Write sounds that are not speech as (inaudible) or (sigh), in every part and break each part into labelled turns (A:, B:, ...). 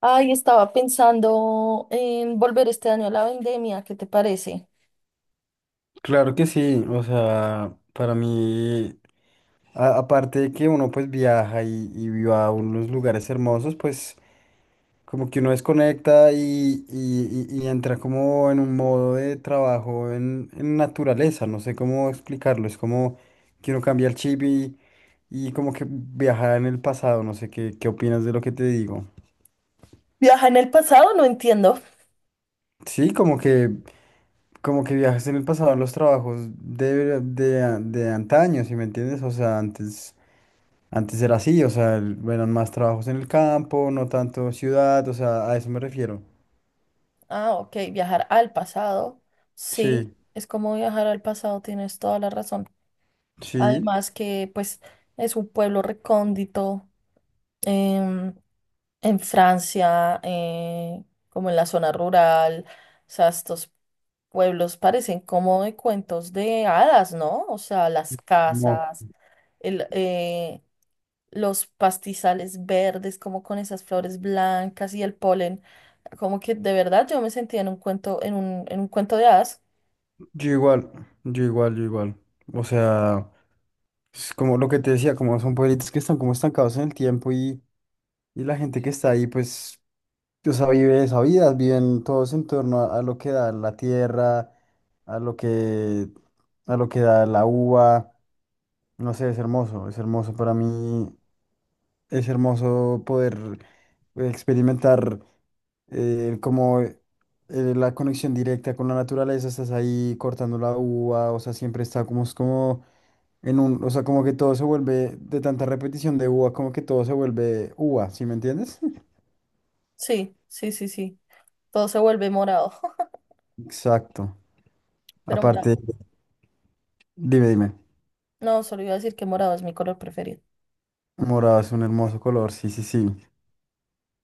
A: Ay, estaba pensando en volver este año a la vendemia, ¿qué te parece?
B: Claro que sí, o sea, para mí, aparte de que uno pues viaja y va a unos lugares hermosos, pues como que uno desconecta y entra como en un modo de trabajo en naturaleza, no sé cómo explicarlo, es como que uno cambia el chip y como que viaja en el pasado, no sé qué, qué opinas de lo que te digo.
A: ¿Viajar en el pasado? No entiendo.
B: Sí, como que viajas en el pasado en los trabajos de antaño, ¿si me entiendes? O sea, antes... Antes era así, o sea, eran más trabajos en el campo, no tanto ciudad, o sea, a eso me refiero.
A: Ah, ok, viajar al pasado. Sí,
B: Sí,
A: es como viajar al pasado, tienes toda la razón.
B: sí,
A: Además que pues es un pueblo recóndito em, en Francia, como en la zona rural. O sea, estos pueblos parecen como de cuentos de hadas, ¿no? O sea, las
B: no,
A: casas, el, eh, los pastizales verdes, como con esas flores blancas y el polen. Como que de verdad yo me sentía en un cuento, en un cuento de hadas.
B: yo igual, yo igual, yo igual. O sea, es como lo que te decía, como son pueblitos que están como estancados en el tiempo y la gente que está ahí, pues, o sea, vive esa vida, viven todos en torno a lo que da la tierra, a lo que, a lo que da la uva. No sé, es hermoso para mí. Es hermoso poder experimentar como la conexión directa con la naturaleza, estás ahí cortando la uva, o sea, siempre está como, es como o sea, como que todo se vuelve de tanta repetición de uva, como que todo se vuelve uva, ¿sí me entiendes?
A: Sí, sí, sí, sí. Todo se vuelve morado, (laughs)
B: Exacto.
A: pero
B: Aparte,
A: morado.
B: dime, dime,
A: No, solo iba a decir que morado es mi color preferido.
B: morado es un hermoso color, sí, sí, sí.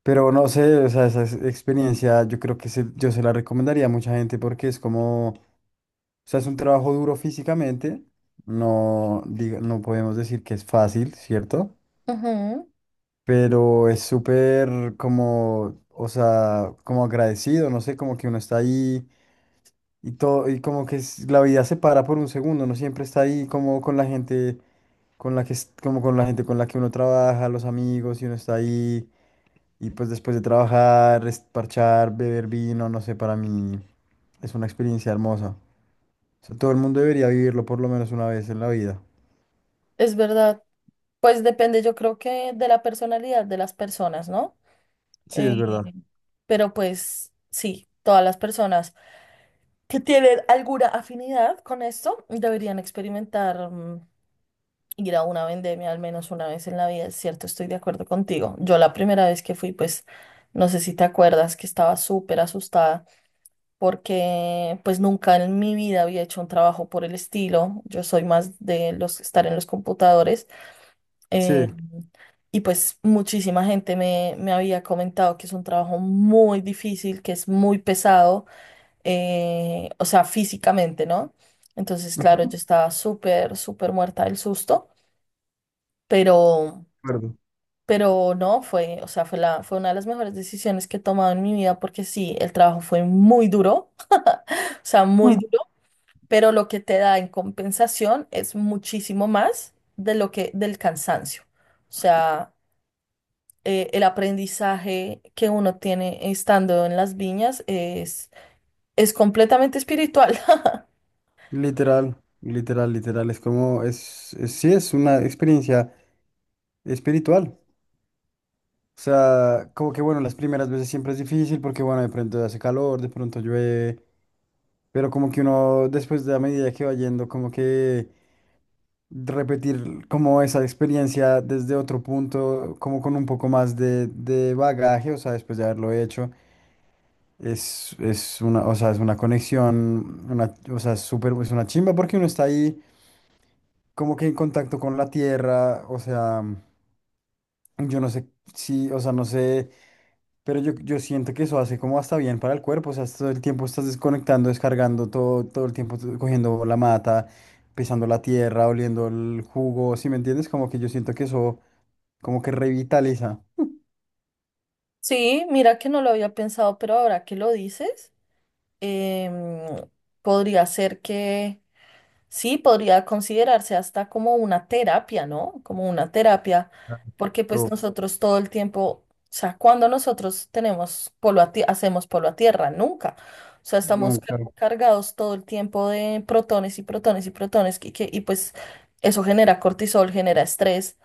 B: Pero no sé, o sea, experiencia yo creo que yo se la recomendaría a mucha gente porque es como... O sea, es un trabajo duro físicamente. No, no podemos decir que es fácil, ¿cierto?
A: Ujú.
B: Pero es súper como, o sea, como agradecido, no sé, como que uno está ahí y todo, y como que la vida se para por un segundo, uno siempre está ahí como con la gente con la como con la gente con la que uno trabaja, los amigos, y uno está ahí, y pues después de trabajar, es parchar, beber vino, no sé, para mí es una experiencia hermosa. O sea, todo el mundo debería vivirlo por lo menos una vez en la vida.
A: Es verdad. Pues depende, yo creo que de la personalidad de las personas, ¿no?
B: Sí,
A: Eh,
B: es verdad.
A: pero pues sí, todas las personas que tienen alguna afinidad con esto deberían experimentar, ir a una vendemia al menos una vez en la vida. Es cierto, estoy de acuerdo contigo. Yo la primera vez que fui, pues, no sé si te acuerdas que estaba súper asustada porque pues nunca en mi vida había hecho un trabajo por el estilo. Yo soy más de los estar en los computadores, eh,
B: Sí.
A: y pues muchísima gente me, me había comentado que es un trabajo muy difícil, que es muy pesado, o sea, físicamente, ¿no? Entonces, claro,
B: Ujú,
A: yo
B: de
A: estaba súper, súper muerta del susto, pero...
B: acuerdo.
A: Pero no, fue, o sea, fue una de las mejores decisiones que he tomado en mi vida porque sí, el trabajo fue muy duro, (laughs) o sea, muy
B: Mm.
A: duro, pero lo que te da en compensación es muchísimo más de del cansancio. O sea, el aprendizaje que uno tiene estando en las viñas es completamente espiritual. (laughs)
B: Literal, literal, literal. Es como, es, sí, es una experiencia espiritual. O sea, como que bueno, las primeras veces siempre es difícil porque bueno, de pronto hace calor, de pronto llueve, pero como que uno después de la medida que va yendo, como que repetir como esa experiencia desde otro punto, como con un poco más de bagaje, o sea, después de haberlo hecho. Es una, o sea, es una conexión, una, o sea, es súper, es una chimba porque uno está ahí como que en contacto con la tierra, o sea, yo no sé si, o sea, no sé, pero yo siento que eso hace como hasta bien para el cuerpo, o sea, todo el tiempo estás desconectando, descargando todo, todo el tiempo tú cogiendo la mata, pisando la tierra, oliendo el jugo, ¿sí me entiendes? Como que yo siento que eso como que revitaliza.
A: Sí, mira que no lo había pensado, pero ahora que lo dices, em, podría ser que... Sí, podría considerarse hasta como una terapia, ¿no? Como una terapia,
B: Claro.
A: porque pues
B: Todo.
A: nosotros todo el tiempo, o sea, cuando nosotros tenemos hacemos polo a tierra, nunca. O sea, estamos
B: Nunca.
A: cargados todo el tiempo de protones y protones y protones, y pues eso genera cortisol, genera estrés.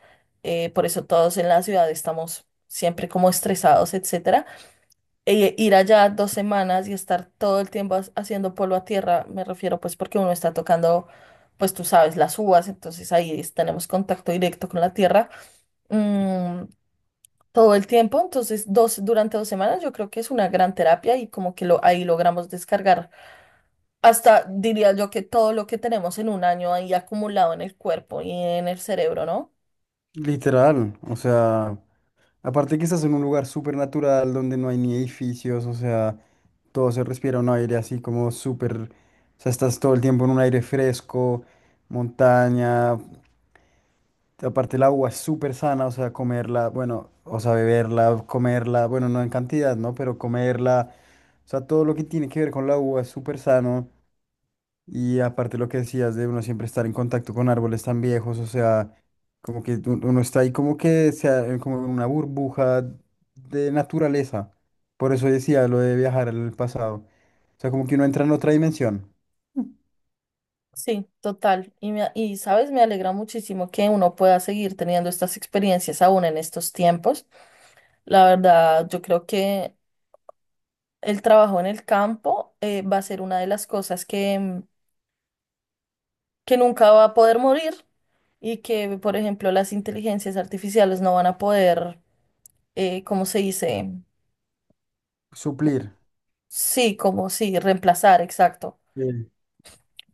A: Por eso todos en la ciudad estamos siempre como estresados, etcétera, e ir allá dos semanas y estar todo el tiempo haciendo polvo a tierra, me refiero pues porque uno está tocando, pues tú sabes, las uvas, entonces tenemos contacto directo con la tierra, mm, todo el tiempo. Entonces durante dos semanas yo creo que es una gran terapia y como que ahí logramos descargar hasta, diría yo, que todo lo que tenemos en un año ahí acumulado en el cuerpo y en el cerebro, ¿no?
B: Literal, o sea. Aparte que estás en un lugar súper natural donde no hay ni edificios, o sea, todo se respira un aire así como súper, o sea, estás todo el tiempo en un aire fresco, montaña, aparte el agua es súper sana, o sea, comerla, bueno, o sea, beberla, comerla, bueno, no en cantidad, ¿no? Pero comerla, o sea, todo lo que tiene que ver con la agua es súper sano. Y aparte lo que decías de uno siempre estar en contacto con árboles tan viejos, o sea, como que uno está ahí como que sea como en una burbuja de naturaleza. Por eso decía lo de viajar al pasado. O sea, como que uno entra en otra dimensión.
A: Sí, total. Y sabes, me alegra muchísimo que uno pueda seguir teniendo estas experiencias aún en estos tiempos. La verdad, yo creo que el trabajo en el campo, va a ser una de las cosas que nunca va a poder morir y que, por ejemplo, las inteligencias artificiales no van a poder... ¿cómo se dice?
B: Suplir.
A: Sí, como sí, reemplazar, exacto.
B: Sí,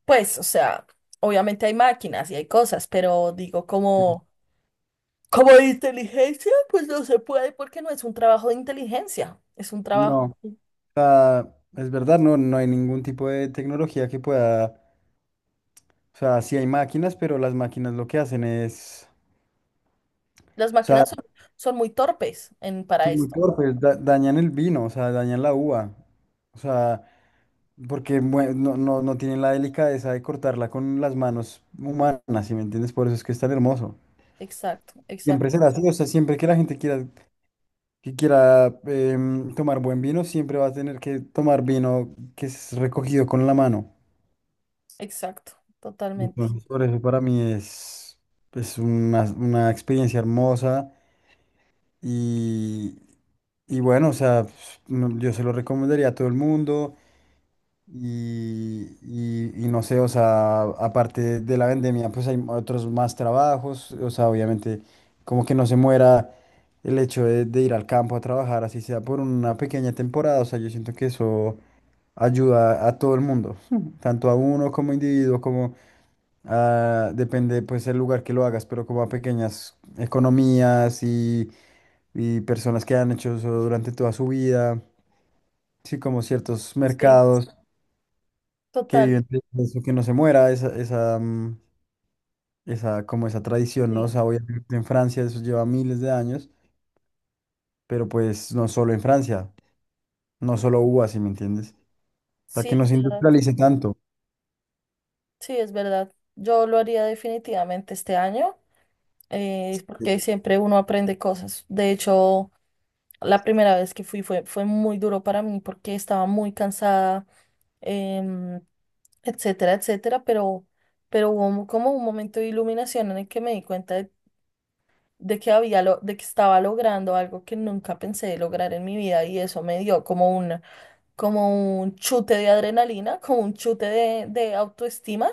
A: Pues, o sea, obviamente hay máquinas y hay cosas, pero digo,
B: sí.
A: como, como de inteligencia, pues no se puede porque no es un trabajo de inteligencia, es un
B: No,
A: trabajo,
B: o sea, es verdad, no, no hay ningún tipo de tecnología que pueda, o sea, sí hay máquinas, pero las máquinas lo que hacen es,
A: las
B: o sea,
A: máquinas son, son muy torpes en, para
B: son muy
A: esto.
B: torpes, dañan el vino, o sea, dañan la uva. O sea, porque no, no, no tienen la delicadeza de cortarla con las manos humanas, ¿si me entiendes? Por eso es que es tan hermoso.
A: Exacto, exacto.
B: Siempre será así, o sea, siempre que la gente quiera, que quiera tomar buen vino, siempre va a tener que tomar vino que es recogido con la mano.
A: Exacto, totalmente.
B: Entonces, por eso para mí es una experiencia hermosa y, y bueno, o sea, pues, yo se lo recomendaría a todo el mundo. Y no sé, o sea, aparte de la vendemia, pues hay otros más trabajos, o sea, obviamente como que no se muera el hecho de ir al campo a trabajar, así sea por una pequeña temporada, o sea, yo siento que eso ayuda a todo el mundo. Ujú. Tanto a uno como individuo, como a, depende pues el lugar que lo hagas, pero como a pequeñas economías y personas que han hecho eso durante toda su vida, sí, como ciertos
A: Sí,
B: mercados. Que
A: total,
B: viven de eso, que no se muera, esa, esa, como esa tradición, ¿no? O
A: sí,
B: sea, obviamente en Francia eso lleva miles de años, pero pues no solo en Francia, no solo hubo así, ¿me entiendes? O sea,
A: sí
B: que no
A: es
B: se
A: verdad,
B: industrialice tanto.
A: sí es verdad. Yo lo haría definitivamente este año, porque siempre uno aprende cosas. De hecho, la primera vez que fui fue muy duro para mí porque estaba muy cansada, em, etcétera, etcétera, pero hubo como un momento de iluminación en el que me di cuenta de que de que estaba logrando algo que nunca pensé lograr en mi vida y eso me dio como un chute de adrenalina, como un chute de autoestima,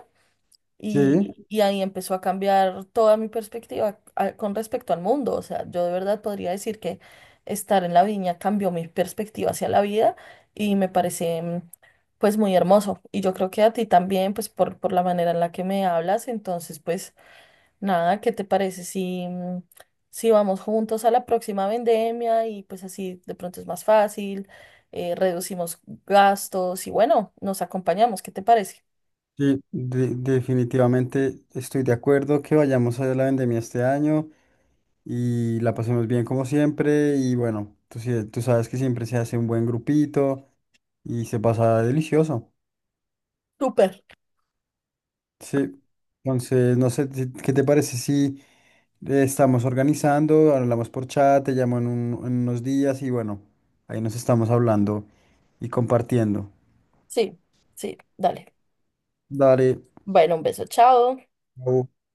B: Sí,
A: y ahí empezó a cambiar toda mi perspectiva con respecto al mundo. O sea, yo de verdad podría decir que estar en la viña cambió mi perspectiva hacia la vida y me parece, pues, muy hermoso. Y yo creo que a ti también, pues por la manera en la que me hablas, entonces pues... Nada, ¿qué te parece si, si vamos juntos a la próxima vendemia y pues así de pronto es más fácil, reducimos gastos y bueno, nos acompañamos, ¿qué te parece?
B: sí, definitivamente estoy de acuerdo que vayamos a la vendemia este año y la pasemos bien como siempre y bueno, tú, tú sabes que siempre se hace un buen grupito y se pasa delicioso.
A: Súper.
B: Sí, entonces no sé, ¿qué te parece si estamos organizando? Hablamos por chat, te llamo en unos días y bueno, ahí nos estamos hablando y compartiendo.
A: Sí, sí, dale.
B: Dale.
A: Bueno, un beso, chao.
B: Chao.